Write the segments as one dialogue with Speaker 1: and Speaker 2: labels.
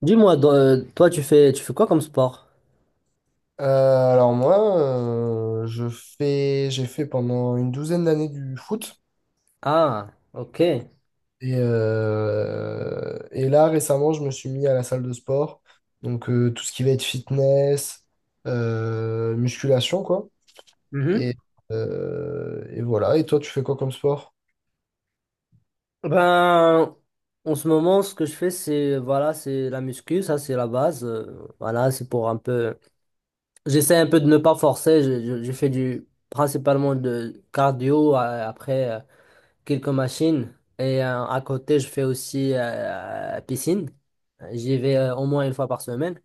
Speaker 1: Dis-moi, toi, tu fais quoi comme sport?
Speaker 2: Euh, alors moi, je fais, j'ai fait pendant une douzaine d'années du foot.
Speaker 1: Ah, ok.
Speaker 2: Et là, récemment, je me suis mis à la salle de sport. Donc, tout ce qui va être fitness, musculation, quoi.
Speaker 1: Mhm.
Speaker 2: Et, et voilà. Et toi, tu fais quoi comme sport?
Speaker 1: Ben, en ce moment, ce que je fais, c'est voilà, c'est la muscu, ça, c'est la base. Voilà, c'est pour un peu. J'essaie un peu de ne pas forcer. Je fais du principalement de cardio, après, quelques machines et, à côté, je fais aussi, piscine. J'y vais, au moins une fois par semaine.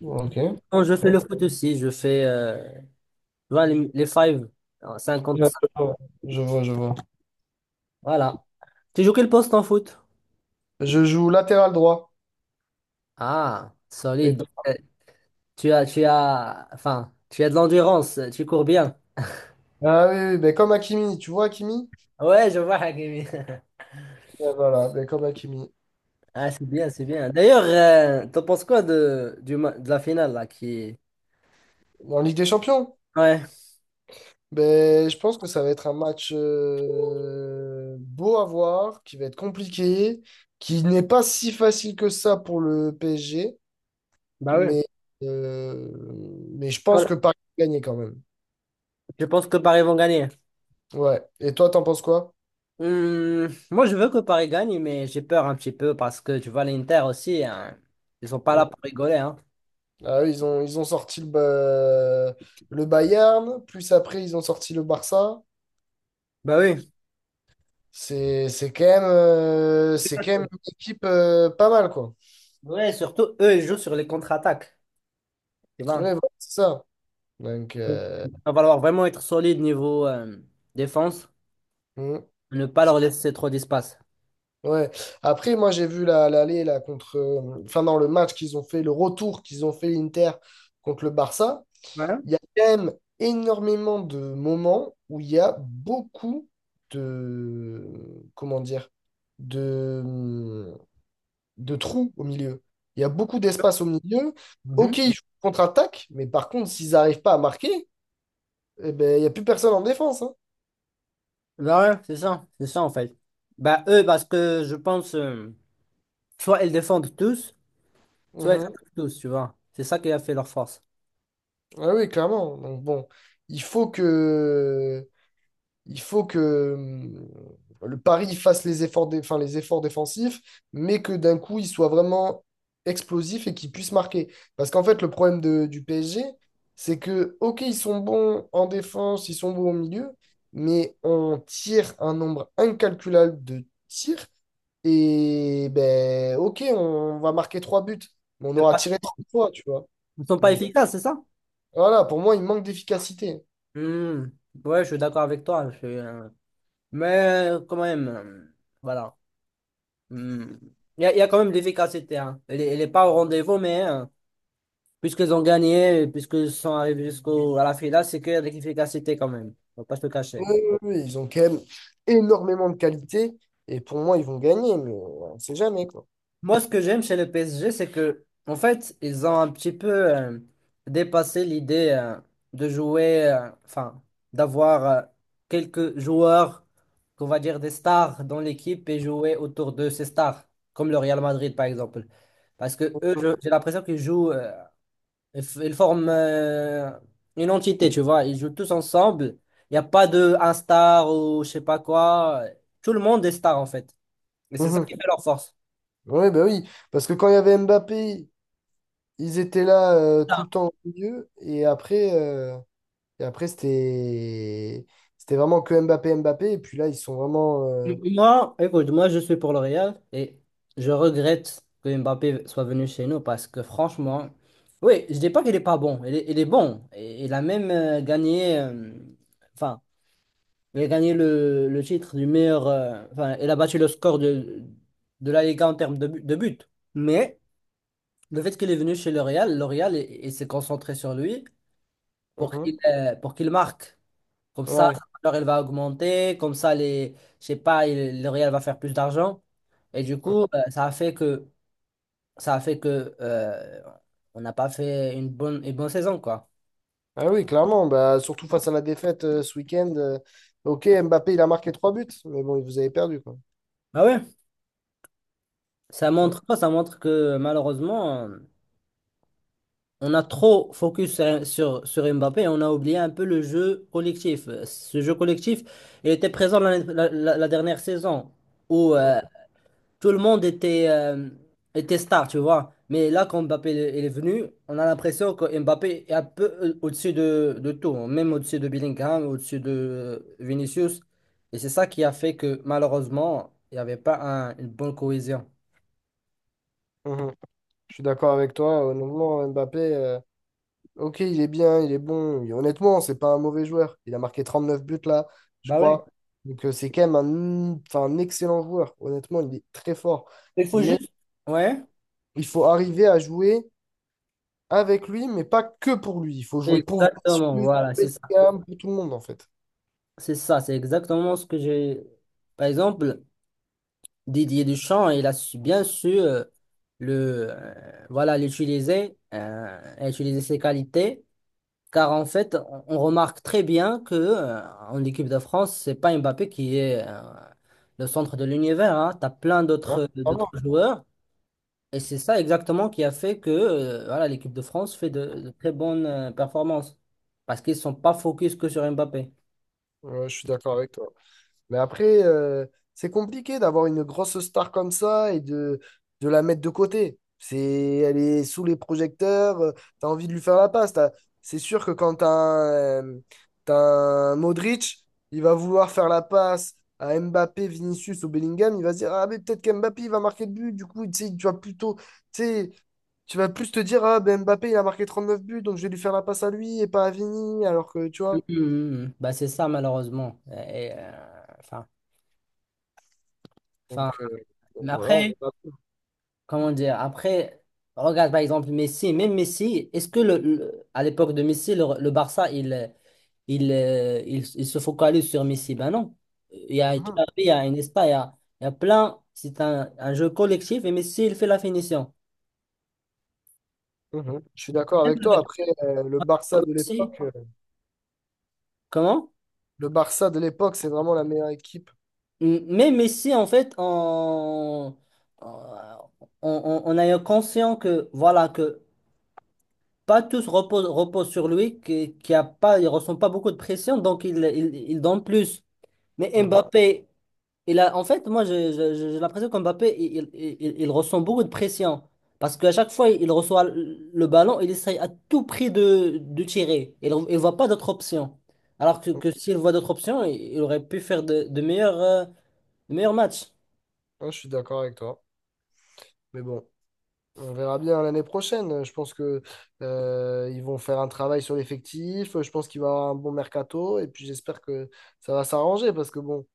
Speaker 2: Ok. Très
Speaker 1: Quand je fais le foot aussi, je fais, tu vois, les five, 5.
Speaker 2: bien. Je vois, je vois, je vois.
Speaker 1: Voilà. Tu joues quel poste en foot?
Speaker 2: Je joue latéral droit.
Speaker 1: Ah,
Speaker 2: Et
Speaker 1: solide. Donc,
Speaker 2: toi?
Speaker 1: enfin, tu as de l'endurance, tu cours bien.
Speaker 2: Ah oui, oui, ben comme Hakimi. Tu vois Hakimi?
Speaker 1: Ouais, je vois Hakimi.
Speaker 2: Ben voilà, ben comme Hakimi.
Speaker 1: Ah, c'est bien, c'est bien. D'ailleurs, t'en penses quoi de la finale là qui...
Speaker 2: En Ligue des Champions?
Speaker 1: Ouais,
Speaker 2: Ben, je pense que ça va être un match beau à voir, qui va être compliqué, qui n'est pas si facile que ça pour le PSG,
Speaker 1: bah oui.
Speaker 2: mais, euh, mais je pense
Speaker 1: Voilà.
Speaker 2: que Paris va gagner quand même.
Speaker 1: Je pense que Paris vont gagner.
Speaker 2: Ouais. Et toi, t'en penses quoi?
Speaker 1: Moi, je veux que Paris gagne, mais j'ai peur un petit peu parce que tu vois l'Inter aussi, hein, ils sont pas là
Speaker 2: Hum.
Speaker 1: pour rigoler, hein.
Speaker 2: Ah, eux, ils ont, le Bayern, plus après, ils ont sorti le Barça.
Speaker 1: Bah oui.
Speaker 2: C'est, c'est quand même une équipe pas mal, quoi.
Speaker 1: Ouais, surtout eux, ils jouent sur les contre-attaques, tu
Speaker 2: Ouais,
Speaker 1: vois.
Speaker 2: voilà, c'est ça. Donc,
Speaker 1: Donc, il va falloir vraiment être solide niveau, défense,
Speaker 2: mmh.
Speaker 1: ne pas leur laisser trop d'espace.
Speaker 2: Ouais. Après, moi, l'aller là contre, enfin dans le match qu'ils ont fait, le retour qu'ils ont fait l'Inter contre le Barça.
Speaker 1: Ouais.
Speaker 2: Il y a quand même énormément de moments où il y a beaucoup de, comment dire, de, de trous au milieu. Il y a beaucoup d'espace au milieu.
Speaker 1: Mhm.
Speaker 2: Ok, ils jouent contre-attaque, mais par contre, s'ils n'arrivent pas à marquer, eh ben, il n'y a plus personne en défense, hein.
Speaker 1: Bah ouais, c'est ça en fait. Bah eux, parce que je pense, soit ils défendent tous, soit ils
Speaker 2: Mhm.
Speaker 1: attaquent tous, tu vois. C'est ça qui a fait leur force.
Speaker 2: Ah oui, clairement. Donc bon, il faut que il faut que le Paris fasse les efforts, enfin, les efforts défensifs, mais que d'un coup, il soit vraiment explosif et qu'il puisse marquer. Parce qu'en fait, du PSG, c'est que, OK, ils sont bons en défense, ils sont bons au milieu, mais on tire un nombre incalculable de tirs. Et ben, OK, on va marquer trois buts, mais on aura tiré trois fois, tu vois.
Speaker 1: Ils ne sont pas
Speaker 2: Donc
Speaker 1: efficaces, c'est ça?
Speaker 2: voilà, pour moi, il manque d'efficacité.
Speaker 1: Hmm. Ouais, je suis d'accord avec toi. Mais, quand même, voilà. Hmm. Il y a quand même de l'efficacité, hein. Elle est pas au rendez-vous, mais, puisqu'ils ont gagné, puisqu'ils sont arrivés jusqu'au à la finale, c'est qu'il y a de l'efficacité quand même. Faut pas se le
Speaker 2: Oui,
Speaker 1: cacher.
Speaker 2: oui, oui, ils ont quand même énormément de qualité et pour moi, ils vont gagner, mais on ne sait jamais, quoi.
Speaker 1: Moi, ce que j'aime chez le PSG, c'est que, en fait, ils ont un petit peu, euh, dépassé l'idée, de jouer, enfin, d'avoir, quelques joueurs, qu'on va dire des stars dans l'équipe et jouer autour de ces stars, comme le Real Madrid par exemple. Parce que eux, j'ai l'impression qu'ils jouent, ils forment, une entité, tu vois. Ils jouent tous ensemble. Il n'y a pas de un star ou je sais pas quoi. Tout le monde est star en fait. Et c'est ça
Speaker 2: Mhm.
Speaker 1: qui fait leur force.
Speaker 2: Oui, bah oui, parce que quand il y avait Mbappé, ils étaient là tout
Speaker 1: Ah,
Speaker 2: le temps au milieu et après, et après c'était vraiment que Mbappé, Mbappé et puis là, ils sont vraiment...
Speaker 1: moi, écoute, moi je suis pour le Real et je regrette que Mbappé soit venu chez nous parce que franchement, oui, je dis pas qu'il est pas bon. Il est bon. Et il a même, gagné, enfin, il a gagné le titre du meilleur, enfin, il a battu le score de la Liga en termes de buts. Mais. Le fait qu'il est venu chez L'Oréal, L'Oréal, il s'est concentré sur lui
Speaker 2: mhm.
Speaker 1: pour qu'il marque. Comme ça,
Speaker 2: Ouais.
Speaker 1: sa valeur, elle va augmenter. Comme ça, je sais pas, L'Oréal va faire plus d'argent. Et du coup, ça a fait que, ça a fait que on n'a pas fait une bonne saison, quoi.
Speaker 2: Ah oui, clairement, bah, surtout face à la défaite ce week-end. Ok, Mbappé, il a marqué trois buts, mais bon, vous avez perdu, quoi.
Speaker 1: Ah ouais. Ça montre quoi? Ça montre que malheureusement, on a trop focus sur Mbappé et on a oublié un peu le jeu collectif. Ce jeu collectif, il était présent la dernière saison où,
Speaker 2: Mhm.
Speaker 1: tout le monde était star, tu vois. Mais là, quand Mbappé il est venu, on a l'impression que Mbappé est un peu, au-dessus de tout, hein, même au-dessus de Bellingham, au-dessus de, Vinicius. Et c'est ça qui a fait que malheureusement, il n'y avait pas une bonne cohésion.
Speaker 2: Mhm. Je suis d'accord avec toi, honnêtement, Mbappé... Ok, il est bien, il est bon. Et honnêtement, c'est pas un mauvais joueur. Il a marqué 39 buts là, je
Speaker 1: Bah ouais.
Speaker 2: crois. Donc c'est quand même un, enfin, un excellent joueur. Honnêtement, il est très fort.
Speaker 1: Il faut
Speaker 2: Mais
Speaker 1: juste. Ouais.
Speaker 2: il faut arriver à jouer avec lui, mais pas que pour lui. Il faut jouer pour
Speaker 1: Exactement,
Speaker 2: Vinicius,
Speaker 1: voilà,
Speaker 2: pour
Speaker 1: c'est ça.
Speaker 2: Bellingham, pour tout le monde en fait.
Speaker 1: C'est ça, c'est exactement ce que j'ai. Par exemple. Didier Deschamps, il a bien su, voilà, utiliser ses qualités, car en fait, on remarque très bien que, en équipe de France, c'est pas Mbappé qui est, le centre de l'univers, hein. Tu as plein
Speaker 2: Hein,
Speaker 1: d'autres
Speaker 2: vraiment.
Speaker 1: joueurs, et c'est ça exactement qui a fait que, voilà, l'équipe de France fait de très bonnes, performances, parce qu'ils sont pas focus que sur Mbappé.
Speaker 2: Ouais, je suis d'accord avec toi. Mais après, c'est compliqué d'avoir une grosse star comme ça et de la mettre de côté. C'est, elle est sous les projecteurs, t'as envie de lui faire la passe. C'est sûr que quand t'as un Modric, il va vouloir faire la passe à Mbappé, Vinicius ou Bellingham, il va se dire, ah mais peut-être qu'Mbappé il va marquer le but, du coup, tu sais, tu vas plutôt, tu sais, tu vas plus te dire, ah ben Mbappé il a marqué 39 buts, donc je vais lui faire la passe à lui et pas à Vini, alors que tu
Speaker 1: Mhm,
Speaker 2: vois.
Speaker 1: mhm. Bah, c'est ça, malheureusement. Et, enfin,
Speaker 2: Donc
Speaker 1: mais
Speaker 2: voilà,
Speaker 1: après. Comment dire? Après, regarde par exemple Messi, même Messi, est-ce que à l'époque de Messi, le Barça, il se focalise sur Messi? Ben non. Il y
Speaker 2: on
Speaker 1: a Xavi,
Speaker 2: verra.
Speaker 1: il y a Iniesta, il y a plein. C'est un jeu collectif et Messi, il fait la finition.
Speaker 2: Mhm. Je suis d'accord avec toi.
Speaker 1: Avec
Speaker 2: Après,
Speaker 1: Messi, comment?
Speaker 2: le Barça de l'époque, c'est vraiment la meilleure équipe.
Speaker 1: Mais Messi, en fait, on, on a eu conscient que, voilà, que pas tous reposent sur lui, qu'il y a pas, il ressent pas beaucoup de pression, donc il donne plus. Mais
Speaker 2: Mhm.
Speaker 1: Mbappé, en fait, moi, j'ai l'impression qu'Mbappé, il ressent beaucoup de pression. Parce qu'à chaque fois, il reçoit le ballon, il essaye à tout prix de tirer. Il ne voit pas d'autre option. Alors que s'il voit d'autres options, il aurait pu faire de meilleurs matchs.
Speaker 2: Ouais, je suis d'accord avec toi. Mais bon, on verra bien l'année prochaine. Je pense que ils vont faire un travail sur l'effectif. Je pense qu'il va y avoir un bon mercato. Et puis j'espère que ça va s'arranger parce que bon.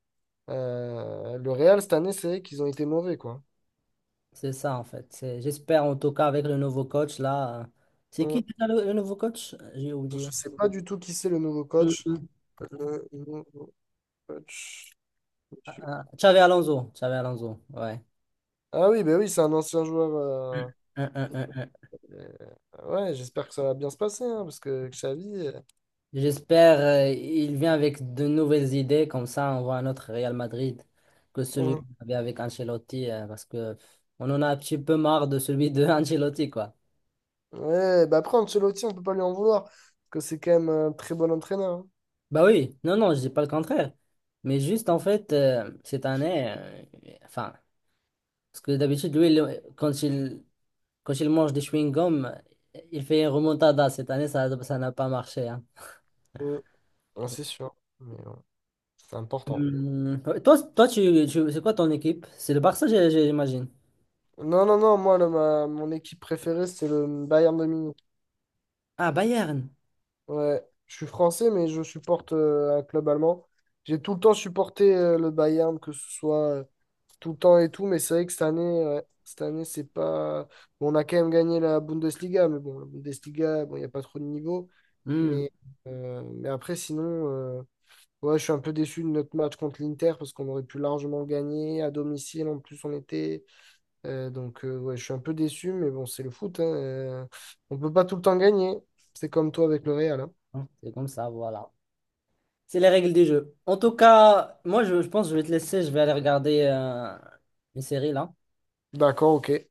Speaker 2: Le Real, cette année, c'est qu'ils ont été mauvais, quoi.
Speaker 1: C'est ça, en fait. J'espère, en tout cas, avec le nouveau coach, là. C'est qui
Speaker 2: Hein.
Speaker 1: déjà le nouveau coach? J'ai
Speaker 2: Je ne
Speaker 1: oublié.
Speaker 2: sais pas du tout qui c'est le nouveau
Speaker 1: Mm,
Speaker 2: coach.
Speaker 1: mm.
Speaker 2: Le nouveau coach.
Speaker 1: Ah,
Speaker 2: monsieur-
Speaker 1: ah, Xavi Alonso. Xavi Alonso, ouais.
Speaker 2: Ah oui, ben oui, c'est un ancien joueur. euh, ouais, j'espère que ça va bien se passer, hein, parce que Xavi.
Speaker 1: J'espère, il vient avec de nouvelles idées, comme ça on voit un autre Real Madrid que celui
Speaker 2: Hein.
Speaker 1: qu'on avait avec Ancelotti, parce que on en a un petit peu marre de celui de Ancelotti, quoi.
Speaker 2: Ouais, bah après, Ancelotti, on peut pas lui en vouloir, parce que c'est quand même un très bon entraîneur, hein.
Speaker 1: Bah oui, non, non, je dis pas le contraire. Mais juste en fait, cette année, enfin, parce que d'habitude, lui, quand il mange des chewing-gums, il fait une remontada. Cette année, ça n'a pas marché, hein.
Speaker 2: Hein. Ouais, c'est sûr, mais c'est important.
Speaker 1: Toi, c'est quoi ton équipe? C'est le Barça, j'imagine.
Speaker 2: Non, non, non, moi, mon équipe préférée, c'est le Bayern de Munich.
Speaker 1: Ah, Bayern.
Speaker 2: Ouais, je suis français, mais je supporte un club allemand. J'ai tout le temps supporté le Bayern, que ce soit tout le temps et tout, mais c'est vrai que cette année, ouais, cette année, c'est pas. Bon, on a quand même gagné la Bundesliga, mais bon, la Bundesliga, bon, il n'y a pas trop de niveau.
Speaker 1: Hum.
Speaker 2: Mais, mais après, sinon, euh, ouais, je suis un peu déçu de notre match contre l'Inter parce qu'on aurait pu largement gagner à domicile. En plus, on était. Donc, ouais, je suis un peu déçu, mais bon, c'est le foot, hein, on peut pas tout le temps gagner. C'est comme toi avec le Real, hein.
Speaker 1: Hein, c'est comme ça, voilà. C'est les règles du jeu. En tout cas, moi, je pense que je vais te laisser. Je vais aller regarder, une série là.
Speaker 2: D'accord, ok.